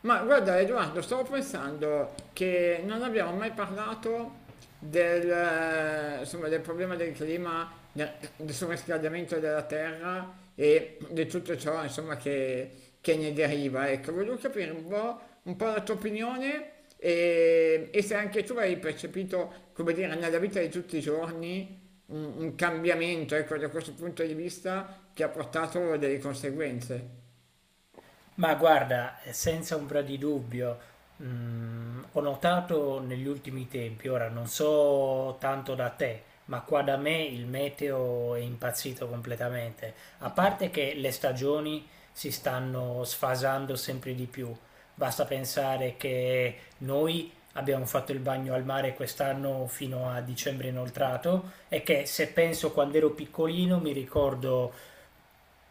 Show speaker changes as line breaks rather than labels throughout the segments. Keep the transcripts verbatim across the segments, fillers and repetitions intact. Ma guarda Edoardo, stavo pensando che non abbiamo mai parlato del, eh, insomma, del problema del clima, del, del surriscaldamento della terra e di tutto ciò, insomma, che, che ne deriva. Ecco, volevo capire un po', un po' la tua opinione e, e se anche tu hai percepito, come dire, nella vita di tutti i giorni un, un cambiamento, ecco, da questo punto di vista che ha portato delle conseguenze.
Ma guarda, eh, senza ombra di dubbio, mm, ho notato negli ultimi tempi, ora non so tanto da te, ma qua da me il meteo è impazzito completamente. A parte che le stagioni si stanno sfasando sempre di più. Basta pensare che noi abbiamo fatto il bagno al mare quest'anno fino a dicembre inoltrato e che se penso quando ero piccolino mi ricordo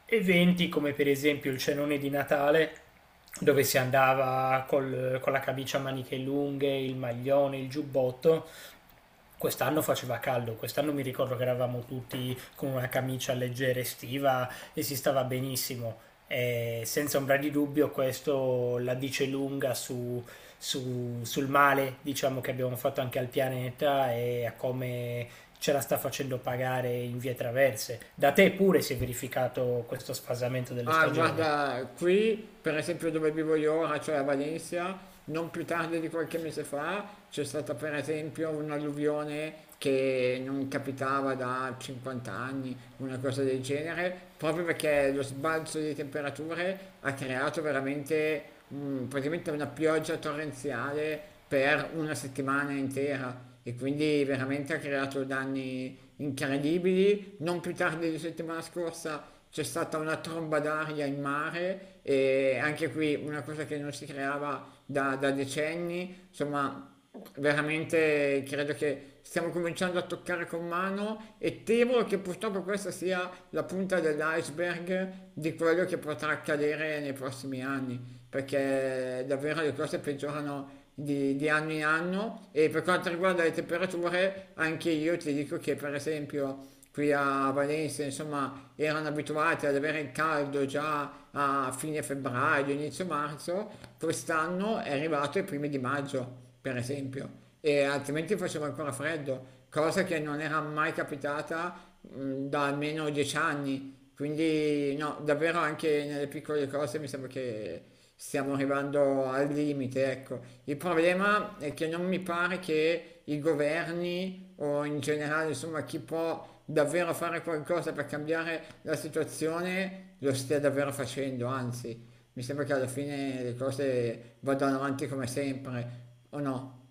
eventi come per esempio il cenone di Natale, dove si andava col- con la camicia a maniche lunghe, il maglione, il giubbotto. Quest'anno faceva caldo, quest'anno mi ricordo che eravamo tutti con una camicia leggera estiva e si stava benissimo. E senza ombra di dubbio questo la dice lunga su, su- sul male, diciamo, che abbiamo fatto anche al pianeta e a come ce la sta facendo pagare in vie traverse. Da te pure si è verificato questo sfasamento delle
Ah,
stagioni.
guarda, qui, per esempio dove vivo io ora, cioè a Valencia, non più tardi di qualche mese fa, c'è stata per esempio un'alluvione che non capitava da cinquanta anni, una cosa del genere, proprio perché lo sbalzo di temperature ha creato veramente mm, praticamente una pioggia torrenziale per una settimana intera. E quindi veramente ha creato danni incredibili. Non più tardi di settimana scorsa c'è stata una tromba d'aria in mare e anche qui una cosa che non si creava da, da decenni, insomma veramente credo che stiamo cominciando a toccare con mano e temo che purtroppo questa sia la punta dell'iceberg di quello che potrà accadere nei prossimi anni, perché davvero le cose peggiorano di, di anno in anno e per quanto riguarda le temperature anche io ti dico che per esempio qui a Varese, insomma, erano abituati ad avere il caldo già a fine febbraio, inizio marzo, quest'anno è arrivato ai primi di maggio, per esempio, e altrimenti faceva ancora freddo, cosa che non era mai capitata mh, da almeno dieci anni, quindi no, davvero anche nelle piccole cose mi sembra che stiamo arrivando al limite, ecco. Il problema è che non mi pare che i governi o in generale, insomma, chi può davvero fare qualcosa per cambiare la situazione lo stia davvero facendo, anzi, mi sembra che alla fine le cose vadano avanti come sempre, o no?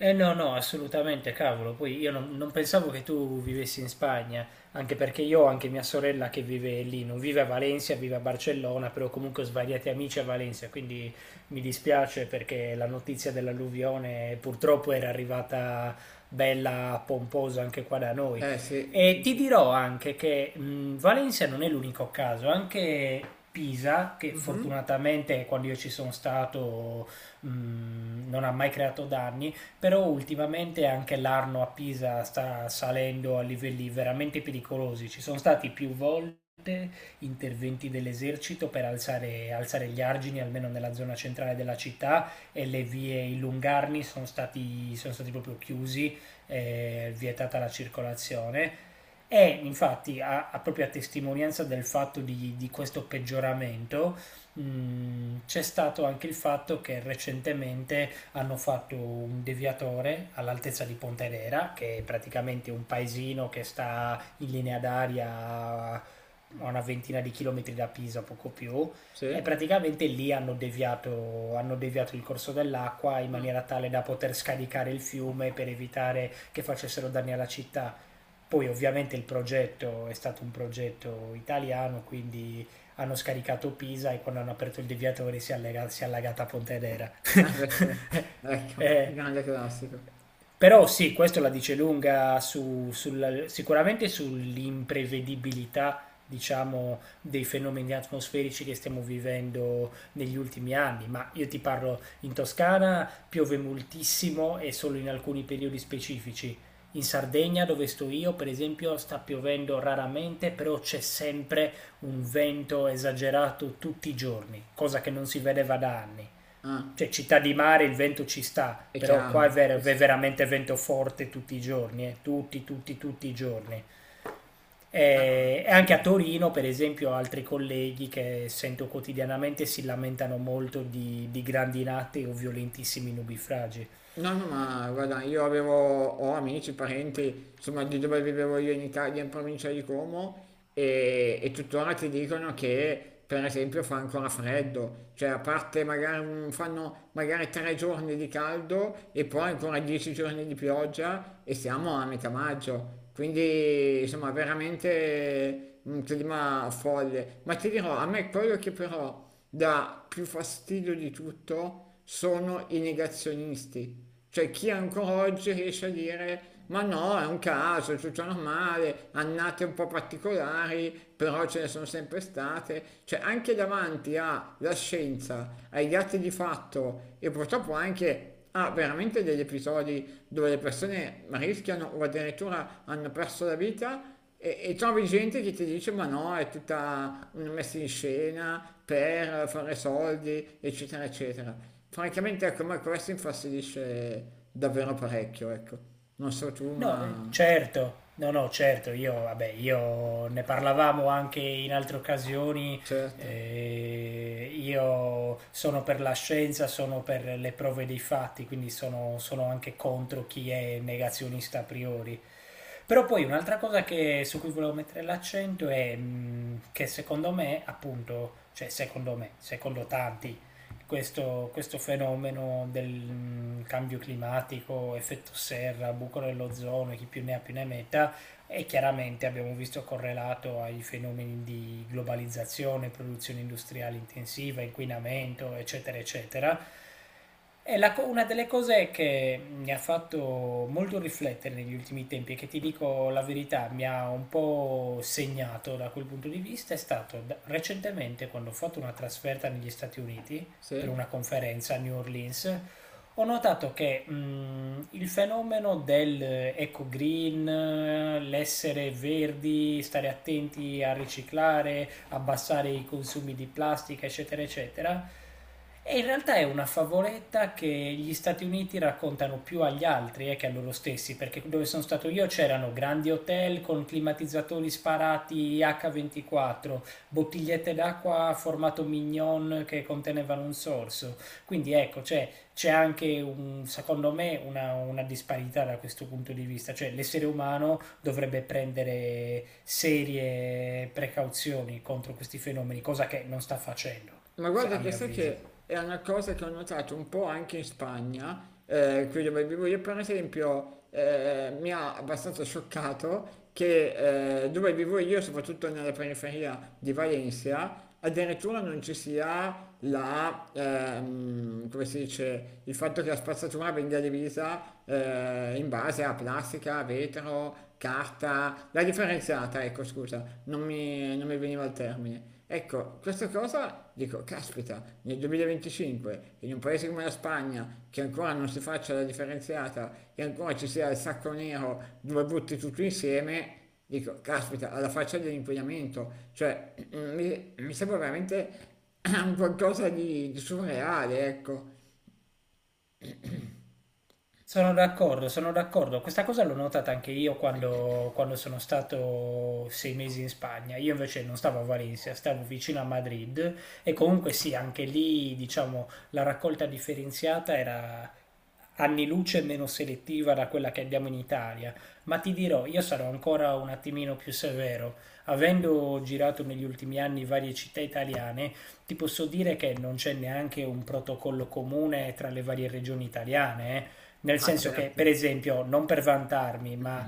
Eh no, no, assolutamente, cavolo. Poi io non, non pensavo che tu vivessi in Spagna, anche perché io ho anche mia sorella che vive lì, non vive a Valencia, vive a Barcellona, però comunque ho svariati amici a Valencia, quindi mi dispiace perché la notizia dell'alluvione purtroppo era arrivata bella pomposa anche qua da noi.
Eh sì,
E
sì,
ti
sì.
dirò anche che mh, Valencia non è l'unico caso, anche Pisa, che
Mhm.
fortunatamente quando io ci sono stato mh, non ha mai creato danni, però ultimamente anche l'Arno a Pisa sta salendo a livelli veramente pericolosi. Ci sono stati più volte interventi dell'esercito per alzare, alzare gli argini, almeno nella zona centrale della città, e le vie, i lungarni sono stati, sono stati proprio chiusi, eh, vietata la circolazione. E infatti, a, a proprio a testimonianza del fatto di, di questo peggioramento, mh, c'è stato anche il fatto che recentemente hanno fatto un deviatore all'altezza di Pontedera, che è praticamente un paesino che sta in linea d'aria a una ventina di chilometri da Pisa, poco più, e
Sì.
praticamente lì hanno deviato, hanno deviato il corso dell'acqua in
Ah,
maniera tale da poter scaricare il fiume per evitare che facessero danni alla città. Poi ovviamente il progetto è stato un progetto italiano, quindi hanno scaricato Pisa e quando hanno aperto il deviatore si è, allega- si è allagata Pontedera.
eh, beh, certo. Ecco,
Eh,
grande classico.
Però sì, questo la dice lunga su- sulla- sicuramente sull'imprevedibilità, diciamo, dei fenomeni atmosferici che stiamo vivendo negli ultimi anni. Ma io ti parlo, in Toscana piove moltissimo e solo in alcuni periodi specifici. In Sardegna, dove sto io, per esempio, sta piovendo raramente, però c'è sempre un vento esagerato tutti i giorni, cosa che non si vedeva da anni.
Ah.
Cioè, città di mare il vento ci sta,
È
però qua è,
chiaro, sì,
ver-
sì,
è
sì.
veramente vento forte tutti i giorni, eh, tutti, tutti, tutti i giorni.
No, no.
Eh, E
questo
anche a
è
Torino, per esempio, altri colleghi che sento quotidianamente si lamentano molto di, di grandinate o violentissimi nubifragi.
No, no, ma guarda, io avevo, ho amici, parenti, insomma, di dove vivevo io in Italia, in provincia di Como, e, e tuttora ti dicono che, per esempio, fa ancora freddo, cioè a parte magari un- fanno magari tre giorni di caldo e poi ancora dieci giorni di pioggia e siamo a metà maggio. Quindi, insomma, veramente un clima folle. Ma ti dirò, a me quello che però dà più fastidio di tutto sono i negazionisti, cioè, chi ancora oggi riesce a dire ma no, è un caso, è tutto normale, annate un po' particolari, però ce ne sono sempre state. Cioè, anche davanti alla scienza, ai dati di fatto e purtroppo anche a veramente degli episodi dove le persone rischiano o addirittura hanno perso la vita. E, e trovi gente che ti dice ma no, è tutta una messa in scena per fare soldi, eccetera, eccetera. Francamente, ecco, ma questo infastidisce davvero parecchio, ecco. Non so tu,
No, eh,
ma...
certo, no, no, certo, io, vabbè, io ne parlavamo anche in altre occasioni,
Certo,
eh, io sono per la scienza, sono per le prove dei fatti, quindi sono, sono anche contro chi è negazionista a priori. Però poi un'altra cosa che- su cui volevo mettere l'accento è mh, che secondo me, appunto, cioè secondo me, secondo tanti, questo, questo fenomeno del mm, cambio climatico, effetto serra, buco dell'ozono, chi più ne ha più ne metta, e chiaramente abbiamo visto correlato ai fenomeni di globalizzazione, produzione industriale intensiva, inquinamento, eccetera, eccetera. E la co- una delle cose che mi ha fatto molto riflettere negli ultimi tempi e che, ti dico la verità, mi ha un po' segnato da quel punto di vista, è stato da- recentemente, quando ho fatto una trasferta negli Stati Uniti per
sì.
una conferenza a New Orleans. Ho notato che mh, il fenomeno del eh, eco green, eh, l'essere verdi, stare attenti a riciclare, abbassare i consumi di plastica, eccetera, eccetera, è in realtà è una favoletta che gli Stati Uniti raccontano più agli altri eh, che a loro stessi, perché dove sono stato io c'erano grandi hotel con climatizzatori sparati acca ventiquattro, bottigliette d'acqua formato mignon che contenevano un sorso. Quindi ecco, cioè, c'è anche un, secondo me una, una disparità da questo punto di vista, cioè l'essere umano dovrebbe prendere serie precauzioni contro questi fenomeni, cosa che non sta facendo,
Ma
se-
guarda
a
che
mio
sai
avviso.
che è una cosa che ho notato un po' anche in Spagna, eh, qui dove vivo io, per esempio, eh, mi ha abbastanza scioccato che eh, dove vivo io, soprattutto nella periferia di Valencia, addirittura non ci sia la, ehm, come si dice, il fatto che la spazzatura venga divisa eh, in base a plastica, vetro, carta, la differenziata, ecco scusa, non mi, non mi veniva il termine. Ecco, questa cosa dico, caspita, nel duemilaventicinque, in un paese come la Spagna, che ancora non si faccia la differenziata e ancora ci sia il sacco nero dove butti tutto insieme. Dico, caspita, alla faccia dell'inquinamento, cioè mm, mi, mi sembra veramente un qualcosa di, di surreale, ecco.
Sono d'accordo, sono d'accordo. Questa cosa l'ho notata anche io quando, quando, sono stato sei mesi in Spagna. Io invece non stavo a Valencia, stavo vicino a Madrid, e comunque sì, anche lì, diciamo, la raccolta differenziata era anni luce meno selettiva da quella che abbiamo in Italia. Ma ti dirò, io sarò ancora un attimino più severo. Avendo girato negli ultimi anni varie città italiane, ti posso dire che non c'è neanche un protocollo comune tra le varie regioni italiane. Eh. Nel
Ah,
senso che,
certo,
per esempio, non per vantarmi, ma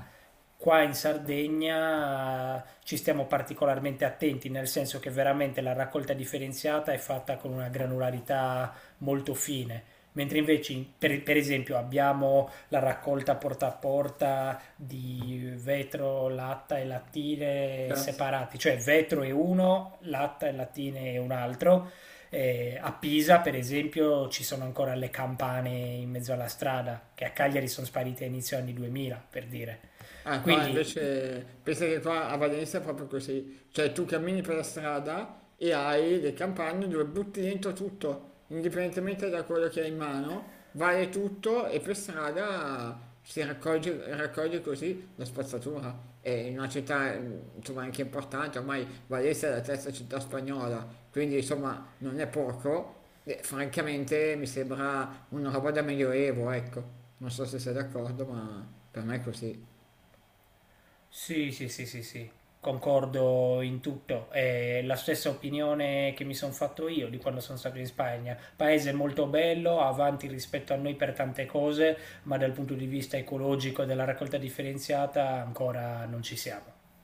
qua in Sardegna eh, ci stiamo particolarmente attenti, nel senso che veramente la raccolta differenziata è fatta con una granularità molto fine. Mentre invece, in- per, per esempio, abbiamo la raccolta porta a porta di vetro, latta e lattine
certo.
separati, cioè vetro è uno, latta e lattine è un altro, eh, a Pisa, per esempio, ci sono ancora le campane in mezzo alla strada, che a Cagliari sono sparite a inizio anni duemila, per dire.
Ah, qua
Quindi,
invece pensa che qua a Valencia è proprio così, cioè tu cammini per la strada e hai le campagne dove butti dentro tutto, indipendentemente da quello che hai in mano, vale tutto e per strada si raccoglie, raccoglie così la spazzatura. È in una città eh, insomma anche importante, ormai Valencia è la terza città spagnola, quindi insomma non è poco, e francamente mi sembra una roba da medioevo, ecco. Non so se sei d'accordo, ma per me è così.
sì, sì, sì, sì, sì, concordo in tutto. È la stessa opinione che mi sono fatto io di quando sono stato in Spagna. Paese molto bello, avanti rispetto a noi per tante cose, ma dal punto di vista ecologico e della raccolta differenziata ancora non ci siamo.